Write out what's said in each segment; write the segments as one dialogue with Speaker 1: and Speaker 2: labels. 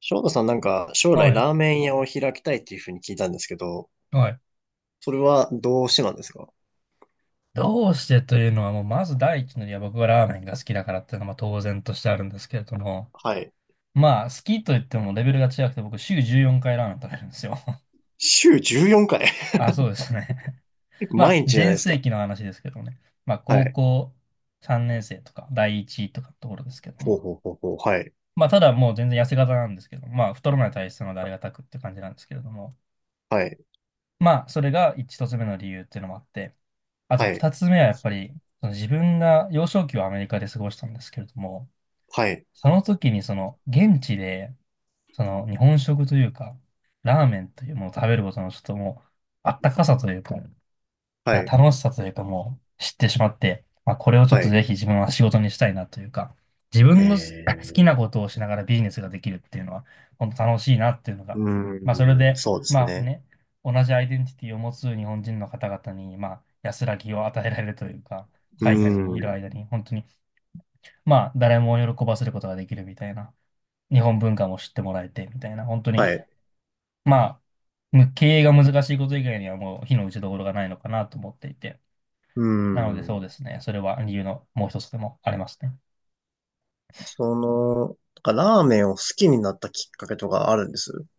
Speaker 1: 翔太さんなんか将
Speaker 2: は
Speaker 1: 来
Speaker 2: い。
Speaker 1: ラーメン屋を開きたいっていうふうに聞いたんですけど、
Speaker 2: はい。
Speaker 1: それはどうしてなんですか？
Speaker 2: どうしてというのは、もうまず第一の理由は僕がラーメンが好きだからっていうのはまあ当然としてあるんですけれども、
Speaker 1: はい。
Speaker 2: まあ好きと言ってもレベルが違くて僕週14回ラーメン食べるんですよ。
Speaker 1: 週14回？
Speaker 2: あ、そうですね。まあ
Speaker 1: 毎日じゃない
Speaker 2: 全
Speaker 1: です
Speaker 2: 盛
Speaker 1: か。
Speaker 2: 期の話ですけどね。まあ
Speaker 1: は
Speaker 2: 高
Speaker 1: い。
Speaker 2: 校3年生とか第一とかのところですけど
Speaker 1: ほう
Speaker 2: も。
Speaker 1: ほうほうほう。はい。
Speaker 2: まあただもう全然痩せ型なんですけど、まあ太らない体質なのでありがたくって感じなんですけれども。
Speaker 1: はい。
Speaker 2: まあそれが一つ目の理由っていうのもあって、あと
Speaker 1: はい。
Speaker 2: 二つ目はやっぱり、その自分が幼少期をアメリカで過ごしたんですけれども、
Speaker 1: はい。
Speaker 2: その時にその現地で、その日本食というか、ラーメンというものを食べることのちょっともう、あったかさというか、
Speaker 1: は
Speaker 2: な
Speaker 1: い。
Speaker 2: 楽しさというかもう知ってしまって、まあ、これをちょっ
Speaker 1: は
Speaker 2: と
Speaker 1: い。
Speaker 2: ぜひ自分は仕事にしたいなというか、自
Speaker 1: へ
Speaker 2: 分のす
Speaker 1: え
Speaker 2: 好き
Speaker 1: ー、
Speaker 2: なことをしながらビジネスができるっていうのは、本当楽しいなっていうのが、
Speaker 1: う
Speaker 2: まあ、それ
Speaker 1: ーん、
Speaker 2: で、
Speaker 1: そうです
Speaker 2: まあ
Speaker 1: ね。
Speaker 2: ね、同じアイデンティティを持つ日本人の方々に、まあ、安らぎを与えられるというか、
Speaker 1: うー
Speaker 2: 海外にいる
Speaker 1: ん、
Speaker 2: 間に、本当に、まあ、誰も喜ばせることができるみたいな、日本文化も知ってもらえて、みたいな、本当に、
Speaker 1: はい。
Speaker 2: まあ、む経営が難しいこと以外にはもう、非の打ちどころがないのかなと思っていて、
Speaker 1: うー
Speaker 2: なのでそうで
Speaker 1: ん。
Speaker 2: すね。それは理由のもう一つでもありますね。
Speaker 1: その、なんかラーメンを好きになったきっかけとかあるんです？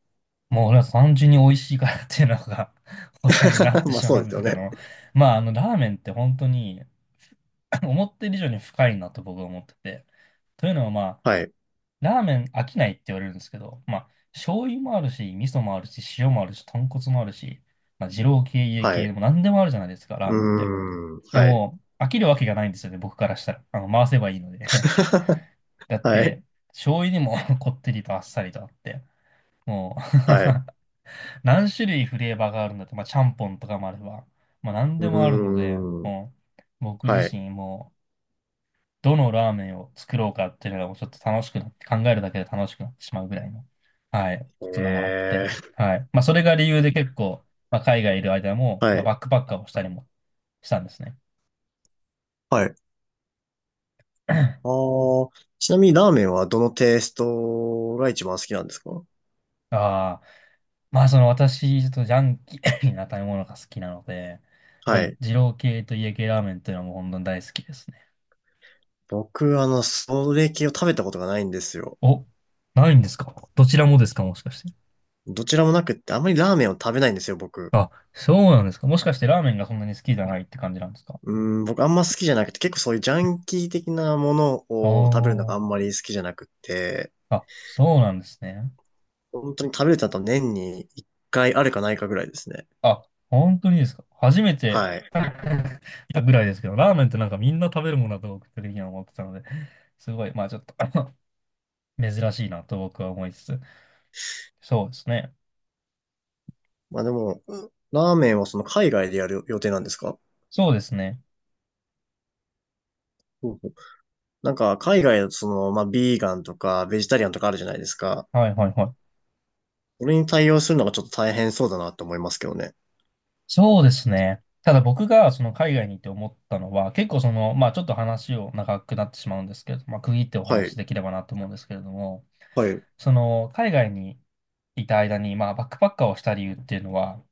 Speaker 2: もう俺は単純に美味しいからっていうのが 答えになって
Speaker 1: まあ
Speaker 2: し
Speaker 1: そ
Speaker 2: ま
Speaker 1: う
Speaker 2: うん
Speaker 1: です
Speaker 2: で
Speaker 1: よ
Speaker 2: すけ
Speaker 1: ね。
Speaker 2: ど、まああのラーメンって本当に 思ってる以上に深いなと僕は思ってて。というのはまあ、
Speaker 1: はい。
Speaker 2: ラーメン飽きないって言われるんですけど、まあ、醤油もあるし、味噌もあるし、塩もあるし、豚骨もあるし、まあ、二郎系、家
Speaker 1: は
Speaker 2: 系で
Speaker 1: い。
Speaker 2: も何でもあるじゃないですか、ラー
Speaker 1: う
Speaker 2: メンって。
Speaker 1: ーん、
Speaker 2: いや
Speaker 1: はい。
Speaker 2: もう、飽きるわけがないんですよね、僕からしたら。あの、回せばいいので だっ
Speaker 1: はい。
Speaker 2: て、醤油にも こってりとあっさりとあって、もう
Speaker 1: はい。
Speaker 2: 何種類フレーバーがあるんだって、まあ、ちゃんぽんとかもあれば、まあ、何
Speaker 1: う
Speaker 2: でもあるので、
Speaker 1: ーん。
Speaker 2: もう、僕自
Speaker 1: はい。
Speaker 2: 身もう、どのラーメンを作ろうかっていうのがもうちょっと楽しくなって、考えるだけで楽しくなってしまうぐらいの、はい、
Speaker 1: え
Speaker 2: ことでもあって、
Speaker 1: ー、
Speaker 2: はい。まあ、それが理由で結構、まあ、海外いる間も、
Speaker 1: は
Speaker 2: まあ、
Speaker 1: い。
Speaker 2: バックパッカーをしたりもしたんですね。
Speaker 1: はい。あ ー、ちなみにラーメンはどのテイストが一番好きなんですか？
Speaker 2: ああ。まあ、その私、ちょっとジャンキー な食べ物が好きなので、やっぱ
Speaker 1: は
Speaker 2: り
Speaker 1: い。
Speaker 2: 二郎系と家系ラーメンというのはもう本当に大好きですね。
Speaker 1: 僕、あの、それ系を食べたことがないんですよ。
Speaker 2: お、ないんですか？どちらもですか？もしかして。
Speaker 1: どちらもなくって、あんまりラーメンを食べないんですよ、僕。
Speaker 2: あ、そうなんですか？もしかしてラーメンがそんなに好きじゃないって感じなんですか？
Speaker 1: うーん、僕あんま好きじゃなくて、結構そういうジャンキー的なもの
Speaker 2: あ
Speaker 1: を食べるのが
Speaker 2: ー、
Speaker 1: あんまり好きじゃなくって、
Speaker 2: あ、そうなんですね。
Speaker 1: 本当に食べれたと年に一回あるかないかぐらいですね。
Speaker 2: あ、本当にですか？初めて
Speaker 1: はい。
Speaker 2: いたぐらいですけど、ラーメンってなんかみんな食べるものだと僕的には思ってたので、すごい、まあちょっと 珍しいなと僕は思いつつ。そうですね。
Speaker 1: まあでも、ラーメンはその海外でやる予定なんですか？
Speaker 2: そうですね。
Speaker 1: なんか、海外だとその、まあ、ビーガンとか、ベジタリアンとかあるじゃないですか。
Speaker 2: はいはいはい。
Speaker 1: それに対応するのがちょっと大変そうだなって思いますけどね。
Speaker 2: そうですね。ただ僕がその海外に行って思ったのは、結構その、まあちょっと話を長くなってしまうんですけれど、まあ区切ってお
Speaker 1: は
Speaker 2: 話し
Speaker 1: い。
Speaker 2: できればなと思うんですけれども、
Speaker 1: はい。
Speaker 2: その海外にいた間に、まあバックパッカーをした理由っていうのは、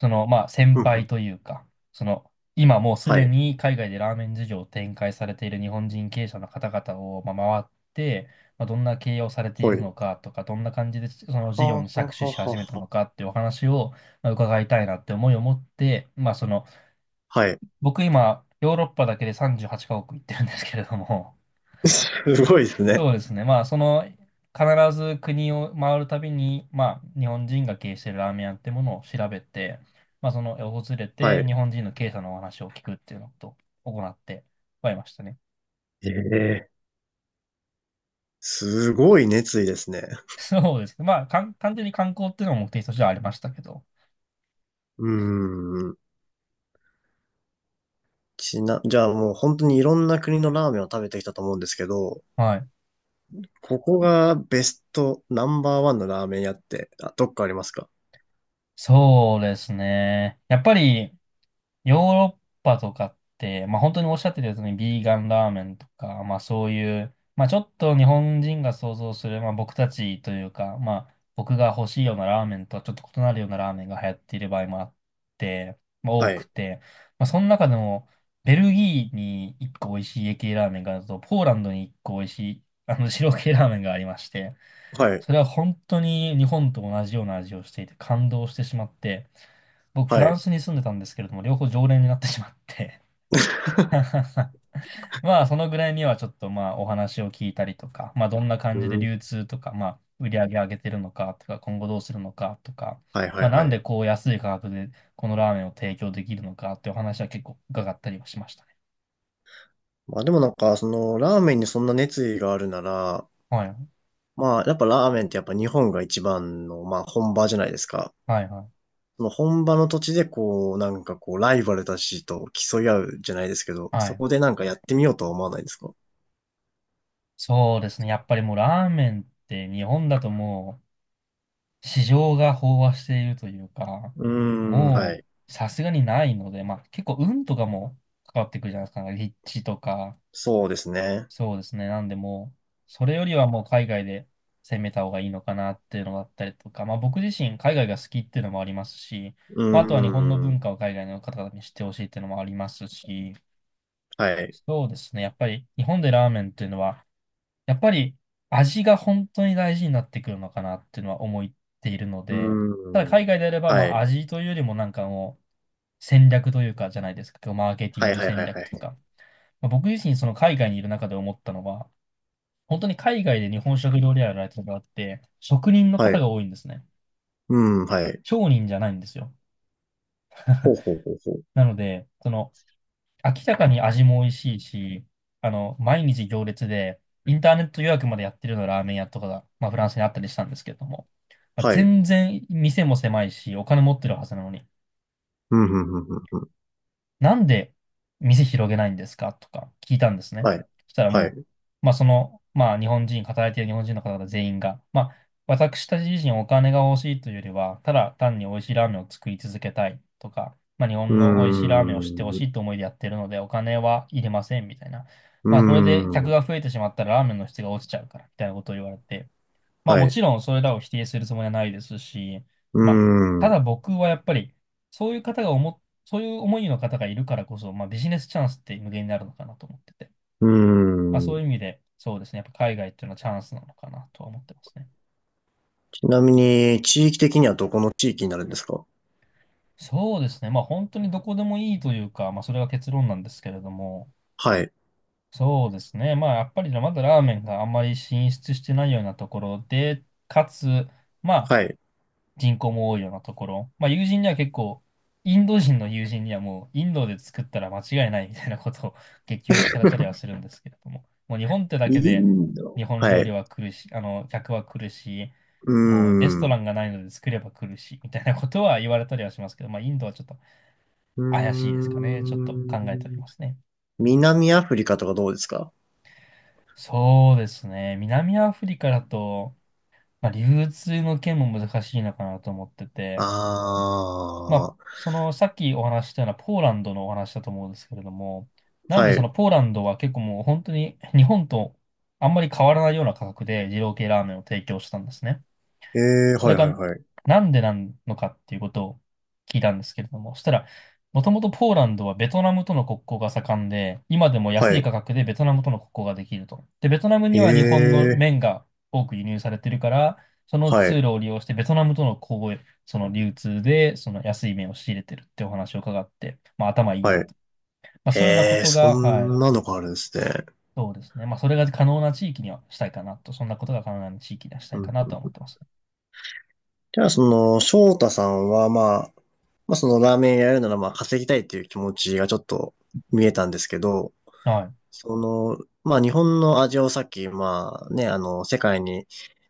Speaker 2: その、まあ、先
Speaker 1: ふんふ
Speaker 2: 輩
Speaker 1: ん。
Speaker 2: というか、その、今もうす
Speaker 1: は
Speaker 2: で
Speaker 1: い。
Speaker 2: に海外でラーメン事業を展開されている日本人経営者の方々を、まあ、回って、まあ、どんな経営をされてい
Speaker 1: は
Speaker 2: る
Speaker 1: い。
Speaker 2: のかとか、どんな感じでその
Speaker 1: は
Speaker 2: 事業
Speaker 1: あ、は
Speaker 2: に
Speaker 1: あ、は
Speaker 2: 着手
Speaker 1: あ、
Speaker 2: し始
Speaker 1: は
Speaker 2: めた
Speaker 1: あ
Speaker 2: の
Speaker 1: は
Speaker 2: かっていうお話を、まあ、伺いたいなって思いを持って、まあ、その、
Speaker 1: あ。はい。
Speaker 2: 僕今、ヨーロッパだけで38カ国行ってるんですけれども、
Speaker 1: すごいですね。
Speaker 2: そうですね。まあ、その、必ず国を回るたびに、まあ、日本人が経営しているラーメン屋ってものを調べて、まあ、その、訪れ
Speaker 1: は
Speaker 2: て、日
Speaker 1: い。
Speaker 2: 本人の経営者のお話を聞くっていうのと行ってはいましたね。
Speaker 1: ええ。すごい熱意ですね。
Speaker 2: そうですね。まあ、かん、単純に観光っていうのも目的としてはありましたけど。
Speaker 1: うーん。じゃあもう本当にいろんな国のラーメンを食べてきたと思うんですけど、
Speaker 2: はい。
Speaker 1: ここがベストナンバーワンのラーメン屋って、あ、どっかありますか？
Speaker 2: そうですね。やっぱり、ヨーロッパとかって、まあ、本当におっしゃってたように、ビーガンラーメンとか、まあ、そういう、まあ、ちょっと日本人が想像する、まあ、僕たちというか、まあ、僕が欲しいようなラーメンとはちょっと異なるようなラーメンが流行っている場合もあって、まあ、
Speaker 1: は
Speaker 2: 多く
Speaker 1: い。
Speaker 2: て、まあ、その中でも、ベルギーに1個美味しい家系ラーメンがあると、ポーランドに1個美味しい、あの、白系ラーメンがありまして、
Speaker 1: はい。
Speaker 2: それは本当に日本と同じような味をしていて、感動してしまって、僕、フ
Speaker 1: は
Speaker 2: ラン
Speaker 1: い。
Speaker 2: スに住んでたんですけれども、両方常連になってしまって まあ、そのぐらいにはちょっとまあ、お話を聞いたりとか、まあ、どんな
Speaker 1: う
Speaker 2: 感じで
Speaker 1: ん。
Speaker 2: 流通とか、まあ、売り上げ上げてるのかとか、今後どうするのかとか、
Speaker 1: はいはい
Speaker 2: まあ、なん
Speaker 1: は
Speaker 2: で
Speaker 1: い。
Speaker 2: こう安い価格でこのラーメンを提供できるのかっていうお話は結構伺ったりはしましたね。
Speaker 1: まあでもなんか、その、ラーメンにそんな熱意があるなら、
Speaker 2: はい、
Speaker 1: まあやっぱラーメンってやっぱ日本が一番の、まあ本場じゃないですか。
Speaker 2: はい、はい。
Speaker 1: その本場の土地でこう、なんかこう、ライバルたちと競い合うじゃないですけど、
Speaker 2: は
Speaker 1: そ
Speaker 2: い。
Speaker 1: こでなんかやってみようとは思わないですか？
Speaker 2: そうですね。やっぱりもうラーメンって日本だともう、市場が飽和しているというか、
Speaker 1: うーん、は
Speaker 2: も
Speaker 1: い。
Speaker 2: うさすがにないので、まあ結構運とかも関わってくるじゃないですか、なんか立地とか、
Speaker 1: そうですね。
Speaker 2: そうですね、なんでもう、それよりはもう海外で攻めた方がいいのかなっていうのだったりとか、まあ僕自身海外が好きっていうのもありますし、
Speaker 1: うー
Speaker 2: まああとは日本の
Speaker 1: ん、
Speaker 2: 文化を海外の方々に知ってほしいっていうのもありますし、
Speaker 1: はい。
Speaker 2: そうですね、やっぱり日本でラーメンっていうのはやっぱり味が本当に大事になってくるのかなっていうのは思っているの
Speaker 1: う
Speaker 2: で、ただ
Speaker 1: ーん、
Speaker 2: 海外であれば、ま
Speaker 1: は
Speaker 2: あ
Speaker 1: い。
Speaker 2: 味というよりもなんかもう戦略というかじゃないですか、マーケティ
Speaker 1: は
Speaker 2: ン
Speaker 1: い
Speaker 2: グ
Speaker 1: はい
Speaker 2: 戦
Speaker 1: はいは
Speaker 2: 略と
Speaker 1: い。
Speaker 2: か。まあ、僕自身その海外にいる中で思ったのは、本当に海外で日本食料理屋やられてる方って、職人の
Speaker 1: は
Speaker 2: 方
Speaker 1: い。
Speaker 2: が多いんですね。
Speaker 1: うん、はい。
Speaker 2: 商人じゃないんですよ。
Speaker 1: ほ うほうほうほう。
Speaker 2: なので、その明らかに味も美味しいし、あの、毎日行列で、インターネット予約までやってるようなラーメン屋とかが、まあ、フランスにあったりしたんですけれども、まあ、
Speaker 1: はい。
Speaker 2: 全然店も狭いし、お金持ってるはずなのに、
Speaker 1: うん、うん、うん、うん。うん。
Speaker 2: なんで店広げないんですかとか聞いたんですね。
Speaker 1: はい。
Speaker 2: そしたら
Speaker 1: はい。
Speaker 2: も
Speaker 1: う
Speaker 2: う、まあその、まあ日本人、働いている日本人の方々全員が、まあ私たち自身お金が欲しいというよりは、ただ単に美味しいラーメンを作り続けたいとか、まあ日
Speaker 1: ー
Speaker 2: 本の美味しいラーメンを知ってほ
Speaker 1: ん、
Speaker 2: し
Speaker 1: う
Speaker 2: いと思いでやってるので、お金はいりませんみたいな。
Speaker 1: ー
Speaker 2: まあこれで客
Speaker 1: ん。
Speaker 2: が増えてしまったらラーメンの質が落ちちゃうから、みたいなことを言われて、まあ
Speaker 1: は
Speaker 2: も
Speaker 1: い。
Speaker 2: ちろんそれらを否定するつもりはないですし、
Speaker 1: うー
Speaker 2: まあ、た
Speaker 1: ん。う
Speaker 2: だ僕はやっぱり、そういう方が思、そういう思いの方がいるからこそ、まあビジネスチャンスって無限になるのかなと思ってて、
Speaker 1: ー
Speaker 2: まあそ
Speaker 1: ん。
Speaker 2: ういう意味で、そうですね、やっぱ海外っていうのはチャンスなのかなとは思ってますね。
Speaker 1: ちなみに、地域的にはどこの地域になるんですか？
Speaker 2: そうですね、まあ本当にどこでもいいというか、まあそれが結論なんですけれども、
Speaker 1: はい。
Speaker 2: そうですね、まあやっぱりまだラーメンがあんまり進出してないようなところで、かつ、まあ、
Speaker 1: はい。
Speaker 2: 人口も多いようなところ。まあ友人には結構、インド人の友人にはもうインドで作ったら間違いないみたいなことを 激推しされたりはするんですけれども。もう日本ってだけ
Speaker 1: イ
Speaker 2: で
Speaker 1: ンド。
Speaker 2: 日本
Speaker 1: は
Speaker 2: 料理
Speaker 1: い。
Speaker 2: は来るし、あの、客は来るし、
Speaker 1: うー
Speaker 2: もうレス
Speaker 1: ん。
Speaker 2: トラ
Speaker 1: う
Speaker 2: ンがないので作れば来るし、みたいなことは言われたりはしますけど、まあインドはちょっと
Speaker 1: ー
Speaker 2: 怪しいですかね。ちょっと考えており
Speaker 1: ん。
Speaker 2: ますね。
Speaker 1: 南アフリカとかどうですか？
Speaker 2: そうですね。南アフリカだと、まあ、流通の件も難しいのかなと思ってて、まあ、
Speaker 1: ああー。
Speaker 2: その、さっきお話ししたようなポーランドのお話だと思うんですけれども、なんで
Speaker 1: は
Speaker 2: そ
Speaker 1: い。
Speaker 2: のポーランドは結構もう本当に日本とあんまり変わらないような価格で二郎系ラーメンを提供したんですね。
Speaker 1: ええ。
Speaker 2: そ
Speaker 1: は
Speaker 2: れ
Speaker 1: い
Speaker 2: が
Speaker 1: はいはい。
Speaker 2: なんでなのかっていうことを聞いたんですけれども、そしたら、もともとポーランドはベトナムとの国交が盛んで、今でも
Speaker 1: は
Speaker 2: 安い
Speaker 1: い。
Speaker 2: 価格でベトナムとの国交ができると。で、ベトナム
Speaker 1: え
Speaker 2: には日本の
Speaker 1: ー、
Speaker 2: 麺が多く輸入されてるから、その
Speaker 1: は
Speaker 2: 通
Speaker 1: い。
Speaker 2: 路を利用してベトナムとの交易、その流通でその安い麺を仕入れてるってお話を伺って、まあ頭いいな
Speaker 1: はい。
Speaker 2: と。まあそういうようなこ
Speaker 1: えー、
Speaker 2: と
Speaker 1: そ
Speaker 2: が、はい、
Speaker 1: んなのがあるんですね。
Speaker 2: そうですね。まあそれが可能な地域にはしたいかなと、そんなことが可能な地域にはした
Speaker 1: う
Speaker 2: いか
Speaker 1: ん。
Speaker 2: なとは思ってますね。
Speaker 1: じゃあ、その、翔太さんは、まあ、まあ、そのラーメン屋やるなら、まあ、稼ぎたいっていう気持ちがちょっと見えたんですけど、
Speaker 2: はい。
Speaker 1: その、まあ、日本の味をさっき、まあ、ね、あの、世界に、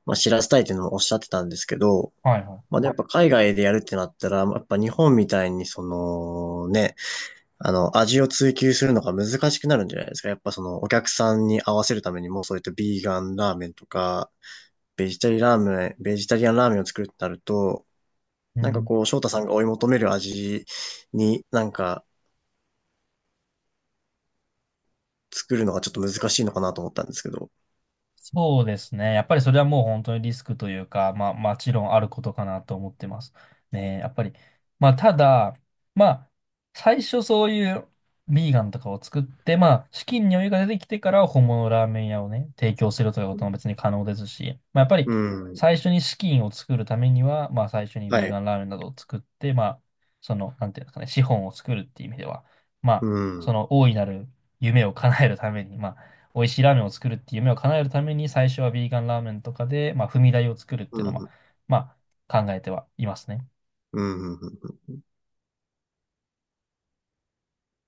Speaker 1: まあ、知らせたいっていうのもおっしゃってたんですけど、
Speaker 2: はいは
Speaker 1: まあ、でもやっぱ海外でやるってなったら、まあやっぱ日本みたいに、その、ね、あの、味を追求するのが難しくなるんじゃないですか。やっぱその、お客さんに合わせるためにも、そういったビーガンラーメンとか、ベジタリアンラーメンを作るってなると、
Speaker 2: い。う
Speaker 1: なんか
Speaker 2: ん、
Speaker 1: こう、翔太さんが追い求める味になんか作るのがちょっと難しいのかなと思ったんですけど。
Speaker 2: そうですね。やっぱりそれはもう本当にリスクというか、まあ、もちろんあることかなと思ってます。ね、やっぱり。まあ、ただ、まあ、最初そういうビーガンとかを作って、まあ、資金に余裕が出てきてから本物のラーメン屋をね、提供するということも別に可能ですし、まあ、やっぱり
Speaker 1: うん。
Speaker 2: 最初に資金を作るためには、まあ、最初に
Speaker 1: は
Speaker 2: ビー
Speaker 1: い。
Speaker 2: ガンラーメンなどを作って、まあ、その、なんていうんですかね、資本を作るっていう意味では、ま
Speaker 1: う
Speaker 2: あ、そ
Speaker 1: ん。
Speaker 2: の大いなる夢を叶えるために、まあ、美味しいラーメンを作るっていう夢を叶えるために、最初はビーガンラーメンとかで、まあ、踏み台を作るっ
Speaker 1: う
Speaker 2: ていうのは、
Speaker 1: ん。
Speaker 2: まあ、考えてはいますね。
Speaker 1: うん。うん。